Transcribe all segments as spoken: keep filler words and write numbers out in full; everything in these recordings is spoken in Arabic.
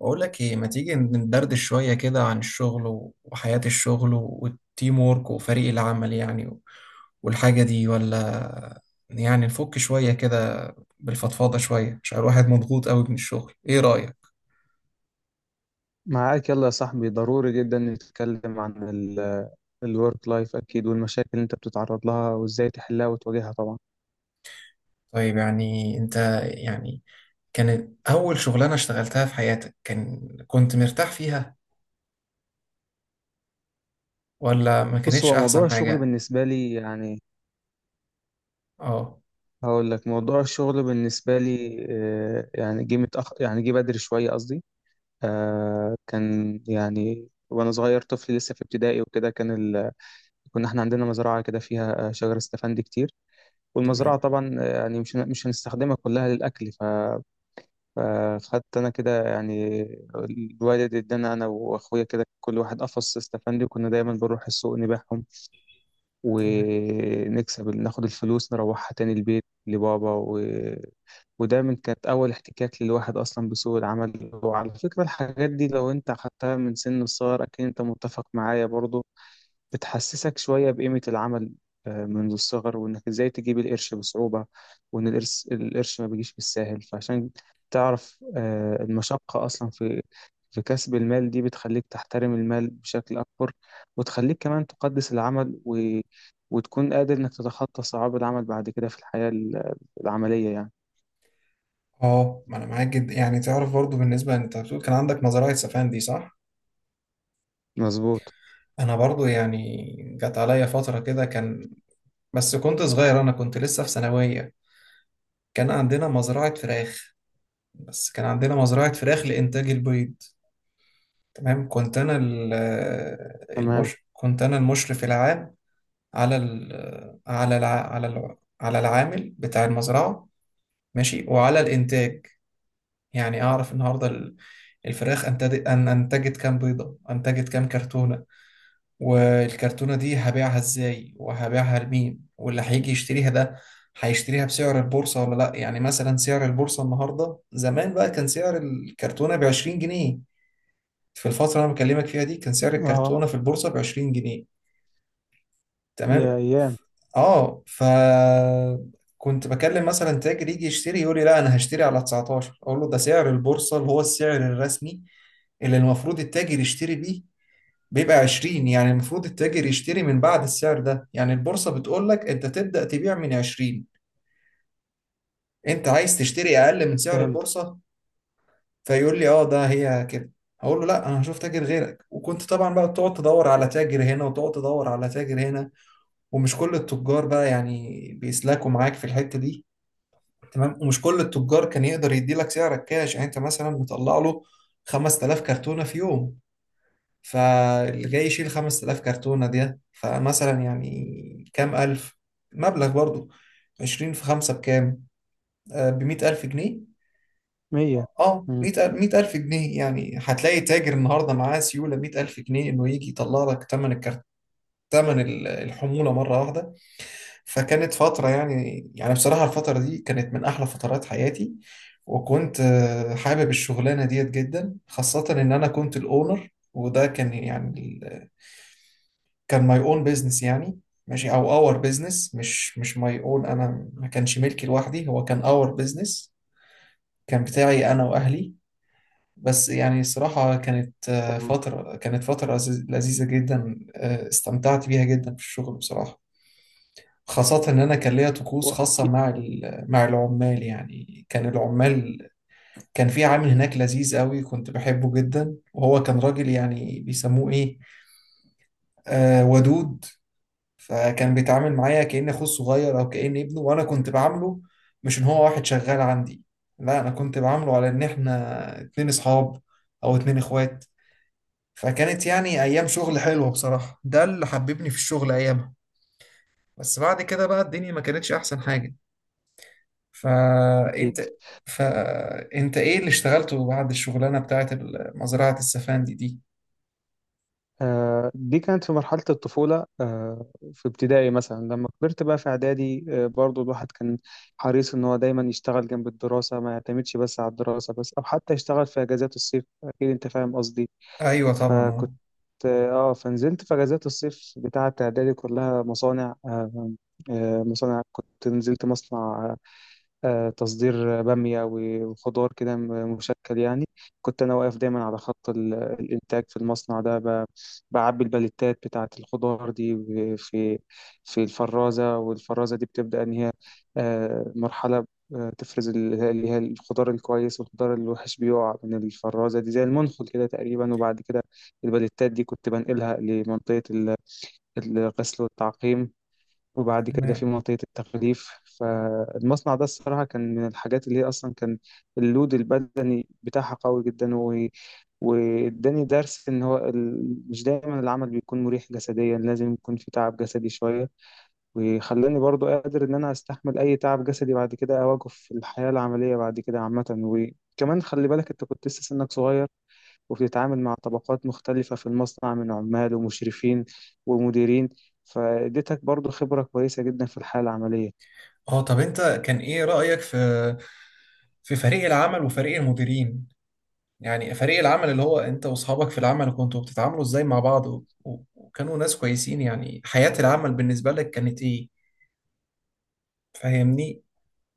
بقول لك ايه، ما تيجي ندردش شوية كده عن الشغل و- وحياة الشغل و- والتيم وورك وفريق العمل يعني و- والحاجة دي، ولا يعني نفك شوية كده، بالفضفاضة شوية عشان الواحد مضغوط قوي من الشغل؟ ايه رأيك؟ معاك، يلا يا صاحبي، ضروري جدا نتكلم عن الورك لايف، اكيد، والمشاكل اللي انت بتتعرض لها وازاي تحلها وتواجهها طبعا. طيب، يعني انت، يعني كانت اول شغلانة اشتغلتها في حياتك، كان كنت مرتاح فيها ولا ما بص، كانتش هو موضوع احسن الشغل حاجة؟ بالنسبه لي يعني اه. هقول لك موضوع الشغل بالنسبه لي، آه، يعني جه متأخر، يعني جه بدري شويه قصدي. آه، كان، يعني وانا صغير طفل لسه في ابتدائي وكده، كان ال... كنا احنا عندنا مزرعه كده فيها آه، شجر استفندي كتير. والمزرعه تمام. طبعا، آه، يعني مش مش هنستخدمها كلها للاكل. فخدت انا كده يعني الوالد ادانا انا واخويا كده كل واحد قفص استفندي، وكنا دايما بنروح السوق نبيعهم تمام. ونكسب، ناخد الفلوس نروحها تاني البيت لبابا و... ودايما كانت اول احتكاك للواحد اصلا بسوق العمل. وعلى فكرة، الحاجات دي لو انت اخدتها من سن الصغر، اكيد انت متفق معايا برضو، بتحسسك شوية بقيمة العمل، آه، منذ الصغر، وإنك إزاي تجيب القرش بصعوبة، وإن القرش القرش ما بيجيش بالساهل. فعشان تعرف آه، المشقة أصلا في في كسب المال، دي بتخليك تحترم المال بشكل أكبر، وتخليك كمان تقدس العمل و... وتكون قادر إنك تتخطى صعاب العمل بعد كده في الحياة ال- العملية يعني. اه، ما انا معاك جدا، يعني تعرف برضو، بالنسبة انت بتقول كان عندك نظرية سفان دي، صح؟ مظبوط. انا برضو يعني جت عليا فترة كده، كان، بس كنت صغير، انا كنت لسه في ثانوية. كان عندنا مزرعة فراخ، بس كان عندنا مزرعة فراخ لإنتاج البيض. تمام، كنت انا ال- تمام. المش كنت انا المشرف العام على ال... على الع... على ال... على العامل بتاع المزرعة، ماشي، وعلى الإنتاج. يعني اعرف النهاردة ال- الفراخ انتجت، أن انتجت كام بيضة، انتجت كام كرتونة، والكرتونة دي هبيعها ازاي وهبيعها لمين، واللي هيجي يشتريها ده هيشتريها بسعر البورصة ولا لا. يعني مثلا سعر البورصة النهاردة، زمان بقى كان سعر الكرتونة بعشرين جنيه. في الفترة اللي أنا بكلمك فيها دي كان سعر اه. الكرتونة في البورصة بعشرين جنيه. تمام. يا ايام. اه. ف كنت بكلم مثلا تاجر يجي يشتري، يقول لي لا، انا هشتري على تسعتاشر. اقول له ده سعر البورصه، اللي هو السعر الرسمي اللي المفروض التاجر يشتري بيه، بيبقى عشرين. يعني المفروض التاجر يشتري من بعد السعر ده، يعني البورصة بتقول لك انت تبدأ تبيع من عشرين، انت عايز تشتري اقل من سعر فهمت. البورصة. فيقول لي اه، ده هي كده. هقول له لا، انا هشوف تاجر غيرك. وكنت طبعا بقى تقعد تدور على تاجر هنا وتقعد تدور على تاجر هنا، ومش كل التجار بقى يعني بيسلكوا معاك في الحتة دي. تمام، ومش كل التجار كان يقدر يدي لك سعرك كاش. يعني انت مثلا مطلع له 5000 كرتونة في يوم، فاللي جاي يشيل 5000 كرتونة دي فمثلا يعني كام ألف مبلغ برضو؟ عشرين في خمسة بكام؟ ب مية ألف جنيه. مية. اه، مم. مئة مئة ألف جنيه. يعني هتلاقي تاجر النهارده معاه سيولة مئة ألف جنيه انه يجي يطلع لك ثمن الكرت، ثمن ال- الحمولة مرة واحدة. فكانت فترة، يعني يعني بصراحة، الفترة دي كانت من أحلى فترات حياتي. وكنت آه، حابب الشغلانة ديت جدا، خاصة إن أنا كنت الأونر. وده كان يعني كان ماي اون بيزنس يعني. ماشي، او اور بيزنس، مش مش ماي اون، انا ما كانش ملكي لوحدي، هو كان اور بيزنس، كان بتاعي انا واهلي. بس يعني الصراحة كانت آه، تمام. فترة، كانت فترة لذيذ- لذيذة جدا، آه، استمتعت بيها جدا في الشغل بصراحة. خاصة إن أنا كان ليا طقوس و- خاصة أكيد. مع ال- مع العمال، يعني كان العمال، كان في عامل هناك لذيذ قوي، كنت بحبه جدا، وهو كان راجل يعني بيسموه إيه، آه ودود. فكان بيتعامل معايا كأن أخوه الصغير أو كأن ابنه، وأنا كنت بعامله مش إن هو واحد شغال عندي، لا، أنا كنت بعامله على إن إحنا اتنين أصحاب أو اتنين إخوات. فكانت يعني أيام شغل حلوة بصراحة، ده اللي حببني في الشغل أيامها. بس بعد كده بقى الدنيا ما كانتش أحسن حاجة. أكيد. فأنت فأنت إيه اللي اشتغلته بعد الشغلانة بتاعت ال- مزرعة السفان دي دي؟ آه، دي كانت في مرحلة الطفولة، آه، في ابتدائي مثلا. لما كبرت بقى في إعدادي، آه، برضو الواحد كان حريص إن هو دايما يشتغل جنب الدراسة، ما يعتمدش بس على الدراسة بس، أو حتى يشتغل في أجازات الصيف. أكيد أنت فاهم قصدي. أيوة طبعا، أه. فكنت آه فنزلت في أجازات الصيف بتاعة إعدادي كلها مصانع. آه، آه، مصانع، كنت نزلت مصنع آه، آه، تصدير بامية و- وخضار كده م- مشكل يعني. كنت أنا واقف دايما على خط ال- الإنتاج في المصنع ده، ب- بعبي الباليتات بتاعة الخضار دي و- في في الفرازة، والفرازة دي بتبدأ إن هي آه، مرحلة آه، تفرز ال- اللي هي الخضار الكويس، والخضار الوحش بيقع من الفرازة دي زي المنخل كده تقريبا. وبعد كده الباليتات دي كنت بنقلها لمنطقة ال- الغسل والتعقيم، وبعد كده في تمام. منطقة التغليف. فالمصنع ده الصراحة كان من الحاجات اللي هي أصلا كان اللود البدني بتاعها قوي جدا و... واداني درس إن هو ال... مش دايما العمل بيكون مريح جسديا، لازم يكون في تعب جسدي شوية. وخلاني برضو قادر إن أنا أستحمل أي تعب جسدي بعد كده أواجهه في الحياة العملية بعد كده عامة. وكمان خلي بالك أنت كنت لسه سنك صغير، وبتتعامل مع طبقات مختلفة في المصنع من عمال ومشرفين ومديرين، فاديتك برضو خبرة كويسة جدا في الحالة العملية. اه، طب انت كان ايه رأيك في في فريق العمل وفريق المديرين؟ يعني فريق العمل اللي هو انت واصحابك في العمل، كنتوا بتتعاملوا ازاي مع بعض، و- و- وكانوا ناس كويسين؟ يعني حياة العمل بالنسبة لك كانت ايه؟ فاهمني؟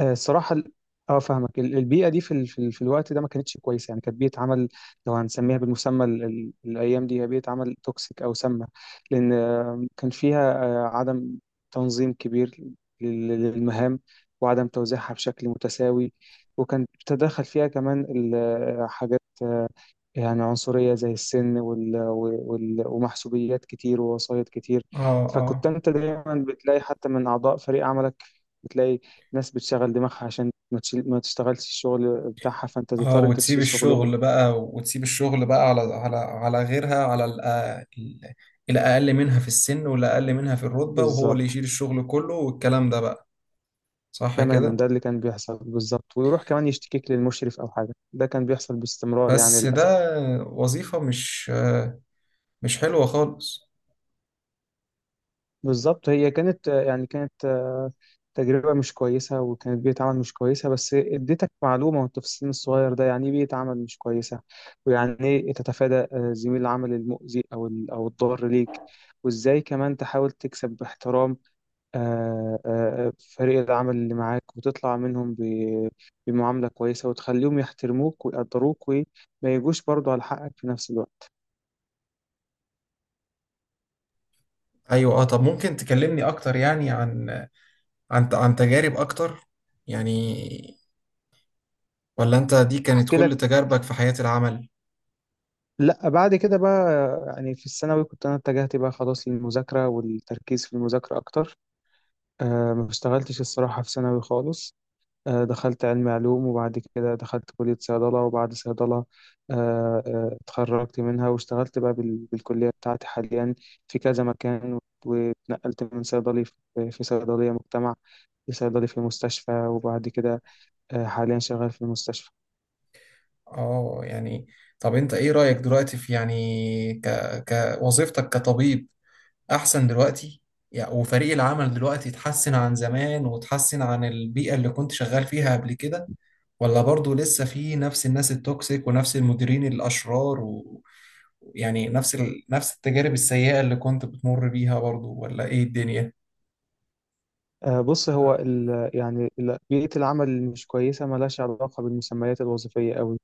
آه، الصراحة ال- اه فاهمك. ال- البيئة دي في ال... في ال- في الوقت ده ما كانتش كويسة، يعني كانت بيئة عمل، لو هنسميها بالمسمى ال... ال- الأيام دي، هي بيئة عمل توكسيك أو سامة. لأن آه، كان فيها آه، عدم تنظيم كبير لل- للمهام، وعدم توزيعها بشكل متساوي. وكان تدخل فيها كمان ال- آه، حاجات آه، يعني عنصرية، زي السن وال... وال... ومحسوبيات كتير، ووسايط كتير. اه، اه، فكنت انت دايما بتلاقي حتى من أعضاء فريق عملك، بتلاقي ناس بتشغل دماغها عشان ما, تشيل... ما تشتغلش الشغل بتاعها، فانت اه، تضطر انت وتسيب تشيل شغلهم. الشغل بقى، وتسيب الشغل بقى على على على غيرها على الأ- ال- الأقل منها في السن والأقل منها في الرتبة، وهو اللي بالظبط. يشيل الشغل كله والكلام ده بقى. صح تماما، كده؟ ده اللي كان بيحصل بالظبط، ويروح كمان يشتكيك للمشرف أو حاجة. ده كان بيحصل باستمرار يعني، بس ده للأسف. وظيفة، مش مش حلوة خالص. بالظبط. هي كانت يعني كانت آه، تجربة مش كويسة، وكانت بيئة عمل مش كويسة، بس اديتك معلومة وانت في السن الصغير ده يعني ايه بيئة عمل مش كويسة، ويعني ايه تتفادى آه، زميل العمل المؤذي، او ال- او الضار ليك. وازاي كمان تحاول تكسب باحترام آه، آه، فريق العمل اللي معاك، وتطلع منهم ب- بمعاملة كويسة، وتخليهم يحترموك ويقدروك، وما يجوش برضو على حقك في نفس الوقت. ايوه، اه، طب ممكن تكلمني اكتر يعني عن عن عن تجارب اكتر؟ يعني ولا انت دي كانت احكي كل لك. تجاربك في حياة العمل؟ لا، بعد كده بقى، يعني في الثانوي كنت انا اتجهت بقى خلاص للمذاكره والتركيز في المذاكره اكتر. أه ما اشتغلتش الصراحه في ثانوي خالص. أه دخلت علم علوم، وبعد كده دخلت كليه صيدله. وبعد صيدله أه آه، اتخرجت منها واشتغلت بقى بال- بالكليه بتاعتي حاليا في كذا مكان. واتنقلت من صيدلي في في صيدليه مجتمع لصيدلي في مستشفى، وبعد كده أه حاليا شغال في المستشفى. اه. يعني طب انت ايه رأيك دلوقتي في، يعني، ك... كوظيفتك كطبيب، احسن دلوقتي؟ يعني وفريق العمل دلوقتي اتحسن عن زمان وتحسن عن البيئة اللي كنت شغال فيها قبل كده؟ ولا برضو لسه في نفس الناس التوكسيك ونفس المديرين الأشرار و- ويعني نفس ال... نفس التجارب السيئة اللي كنت بتمر بيها برضو؟ ولا ايه الدنيا؟ آه، بص، هو ال يعني ال- بيئة العمل اللي مش كويسة ملهاش علاقة بالمسميات الوظيفية قوي.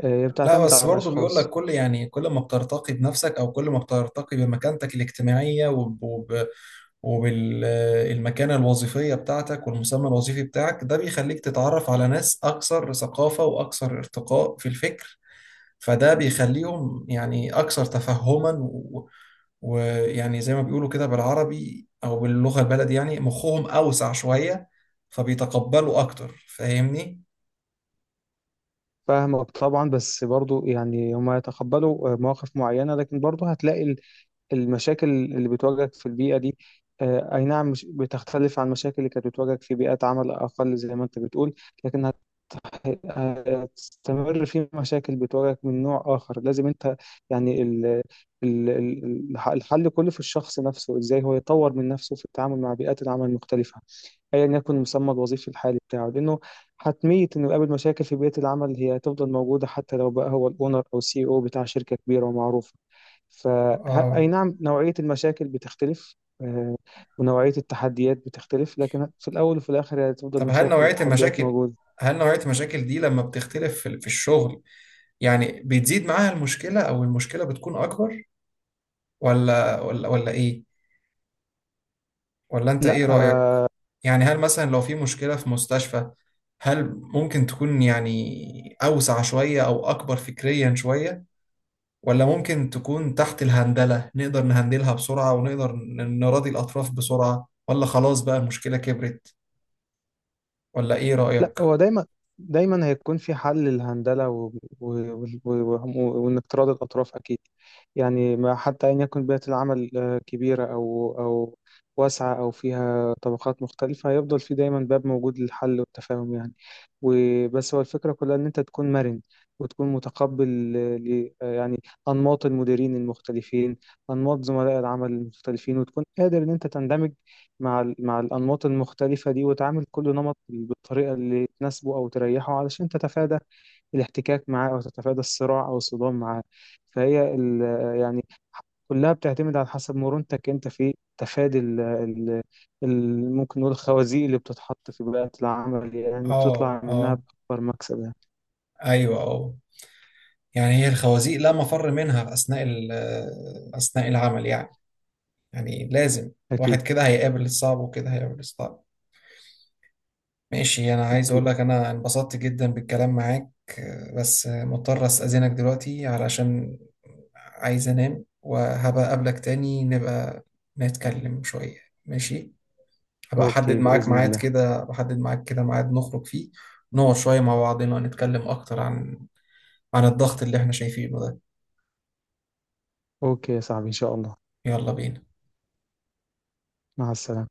آه، هي لا، بتعتمد بس على برضو بيقول لك الأشخاص. كل، يعني، كل ما بترتقي بنفسك او كل ما بترتقي بمكانتك الاجتماعية وبالمكانة الوظيفية بتاعتك والمسمى الوظيفي بتاعك، ده بيخليك تتعرف على ناس أكثر ثقافة وأكثر ارتقاء في الفكر. فده بيخليهم يعني أكثر تفهما، و- ويعني زي ما بيقولوا كده بالعربي أو باللغة البلد، يعني مخهم أوسع شوية، فبيتقبلوا أكتر. فاهمني؟ فاهمك طبعا، بس برضو يعني هما يتقبلوا آه، مواقف معينة، لكن برضو هتلاقي المشاكل اللي بتواجهك في البيئة دي، آه، أي نعم مش بتختلف عن المشاكل اللي كانت بتواجهك في بيئات عمل أقل زي ما أنت بتقول. لكن هت- هتستمر في مشاكل بتواجهك من نوع آخر. لازم أنت يعني ال ال ال الح- الحل كله في الشخص نفسه، إزاي هو يطور من نفسه في التعامل مع بيئات العمل المختلفة، ايا يكن المسمى الوظيفي الحالي بتاعه. لانه حتميه انه يقابل مشاكل في بيئه العمل، هي هتفضل موجوده حتى لو بقى هو الاونر او السي او بتاع شركه كبيره ومعروفه. ف ه- اي اه، نعم، نوعيه المشاكل بتختلف، آه، ونوعيه التحديات بتختلف، لكن في الاول وفي الاخر هي هتفضل طب هل مشاكل نوعية وتحديات المشاكل موجوده. هل نوعية المشاكل دي لما بتختلف في في الشغل، يعني بتزيد معاها المشكلة أو المشكلة بتكون أكبر؟ ولا ولا ولا ايه؟ ولا انت لا، ايه رأيك؟ يعني هل مثلا لو في مشكلة في مستشفى، هل ممكن تكون يعني أوسع شوية أو أكبر فكريا شوية، ولا ممكن تكون تحت الهندلة، نقدر نهندلها بسرعة ونقدر ن- نراضي الأطراف بسرعة؟ ولا خلاص بقى المشكلة كبرت؟ ولا ايه لا. رأيك؟ هو دايما، دايما هيكون في حل للهندلة و... و... و... و... وإنك تراضي الأطراف أكيد. يعني، ما حتى أن يكون بيئة العمل آه، كبيرة، أو أو واسعة، أو فيها طبقات مختلفة، هيفضل في دايما باب موجود للحل والتفاهم يعني. وبس هو الفكرة كلها إن أنت تكون مرن، وتكون متقبل آه، ل... آه، يعني أنماط المديرين المختلفين، أنماط زملاء العمل المختلفين، وتكون قادر إن أنت تندمج مع ال- مع الأنماط المختلفة دي، وتعامل كل نمط بالطريقة اللي تناسبه أو تريحه، علشان تتفادى الاحتكاك معاه، أو تتفادى الصراع أو الصدام معاه. فهي ال- يعني كلها بتعتمد على حسب مرونتك أنت في تفادي ال ال ال ممكن نقول الخوازيق اللي بتتحط في بيئة العمل، يعني اه، بتطلع منها اه، بأكبر مكسب يعني. ايوه، اه. يعني هي الخوازيق لا مفر منها أثناء ال- أثناء العمل يعني يعني لازم أكيد. الواحد كده هيقابل الصعب، وكده هيقابل الصعب. ماشي، انا عايز أكيد. اقول لك انا انبسطت جدا بالكلام معاك. آه، بس آه، مضطر استأذنك دلوقتي، علشان عايز انام، وهبقى اقابلك تاني، نبقى نتكلم شوية. ماشي، هبقى احدد أوكي، معاك بإذن ميعاد الله. كده بحدد معاك كده ميعاد نخرج فيه، نقعد شوية مع بعضنا، نتكلم اكتر عن عن الضغط اللي احنا شايفينه ده. أوكي يا صاحبي، إن شاء الله. يلا بينا. مع السلامة.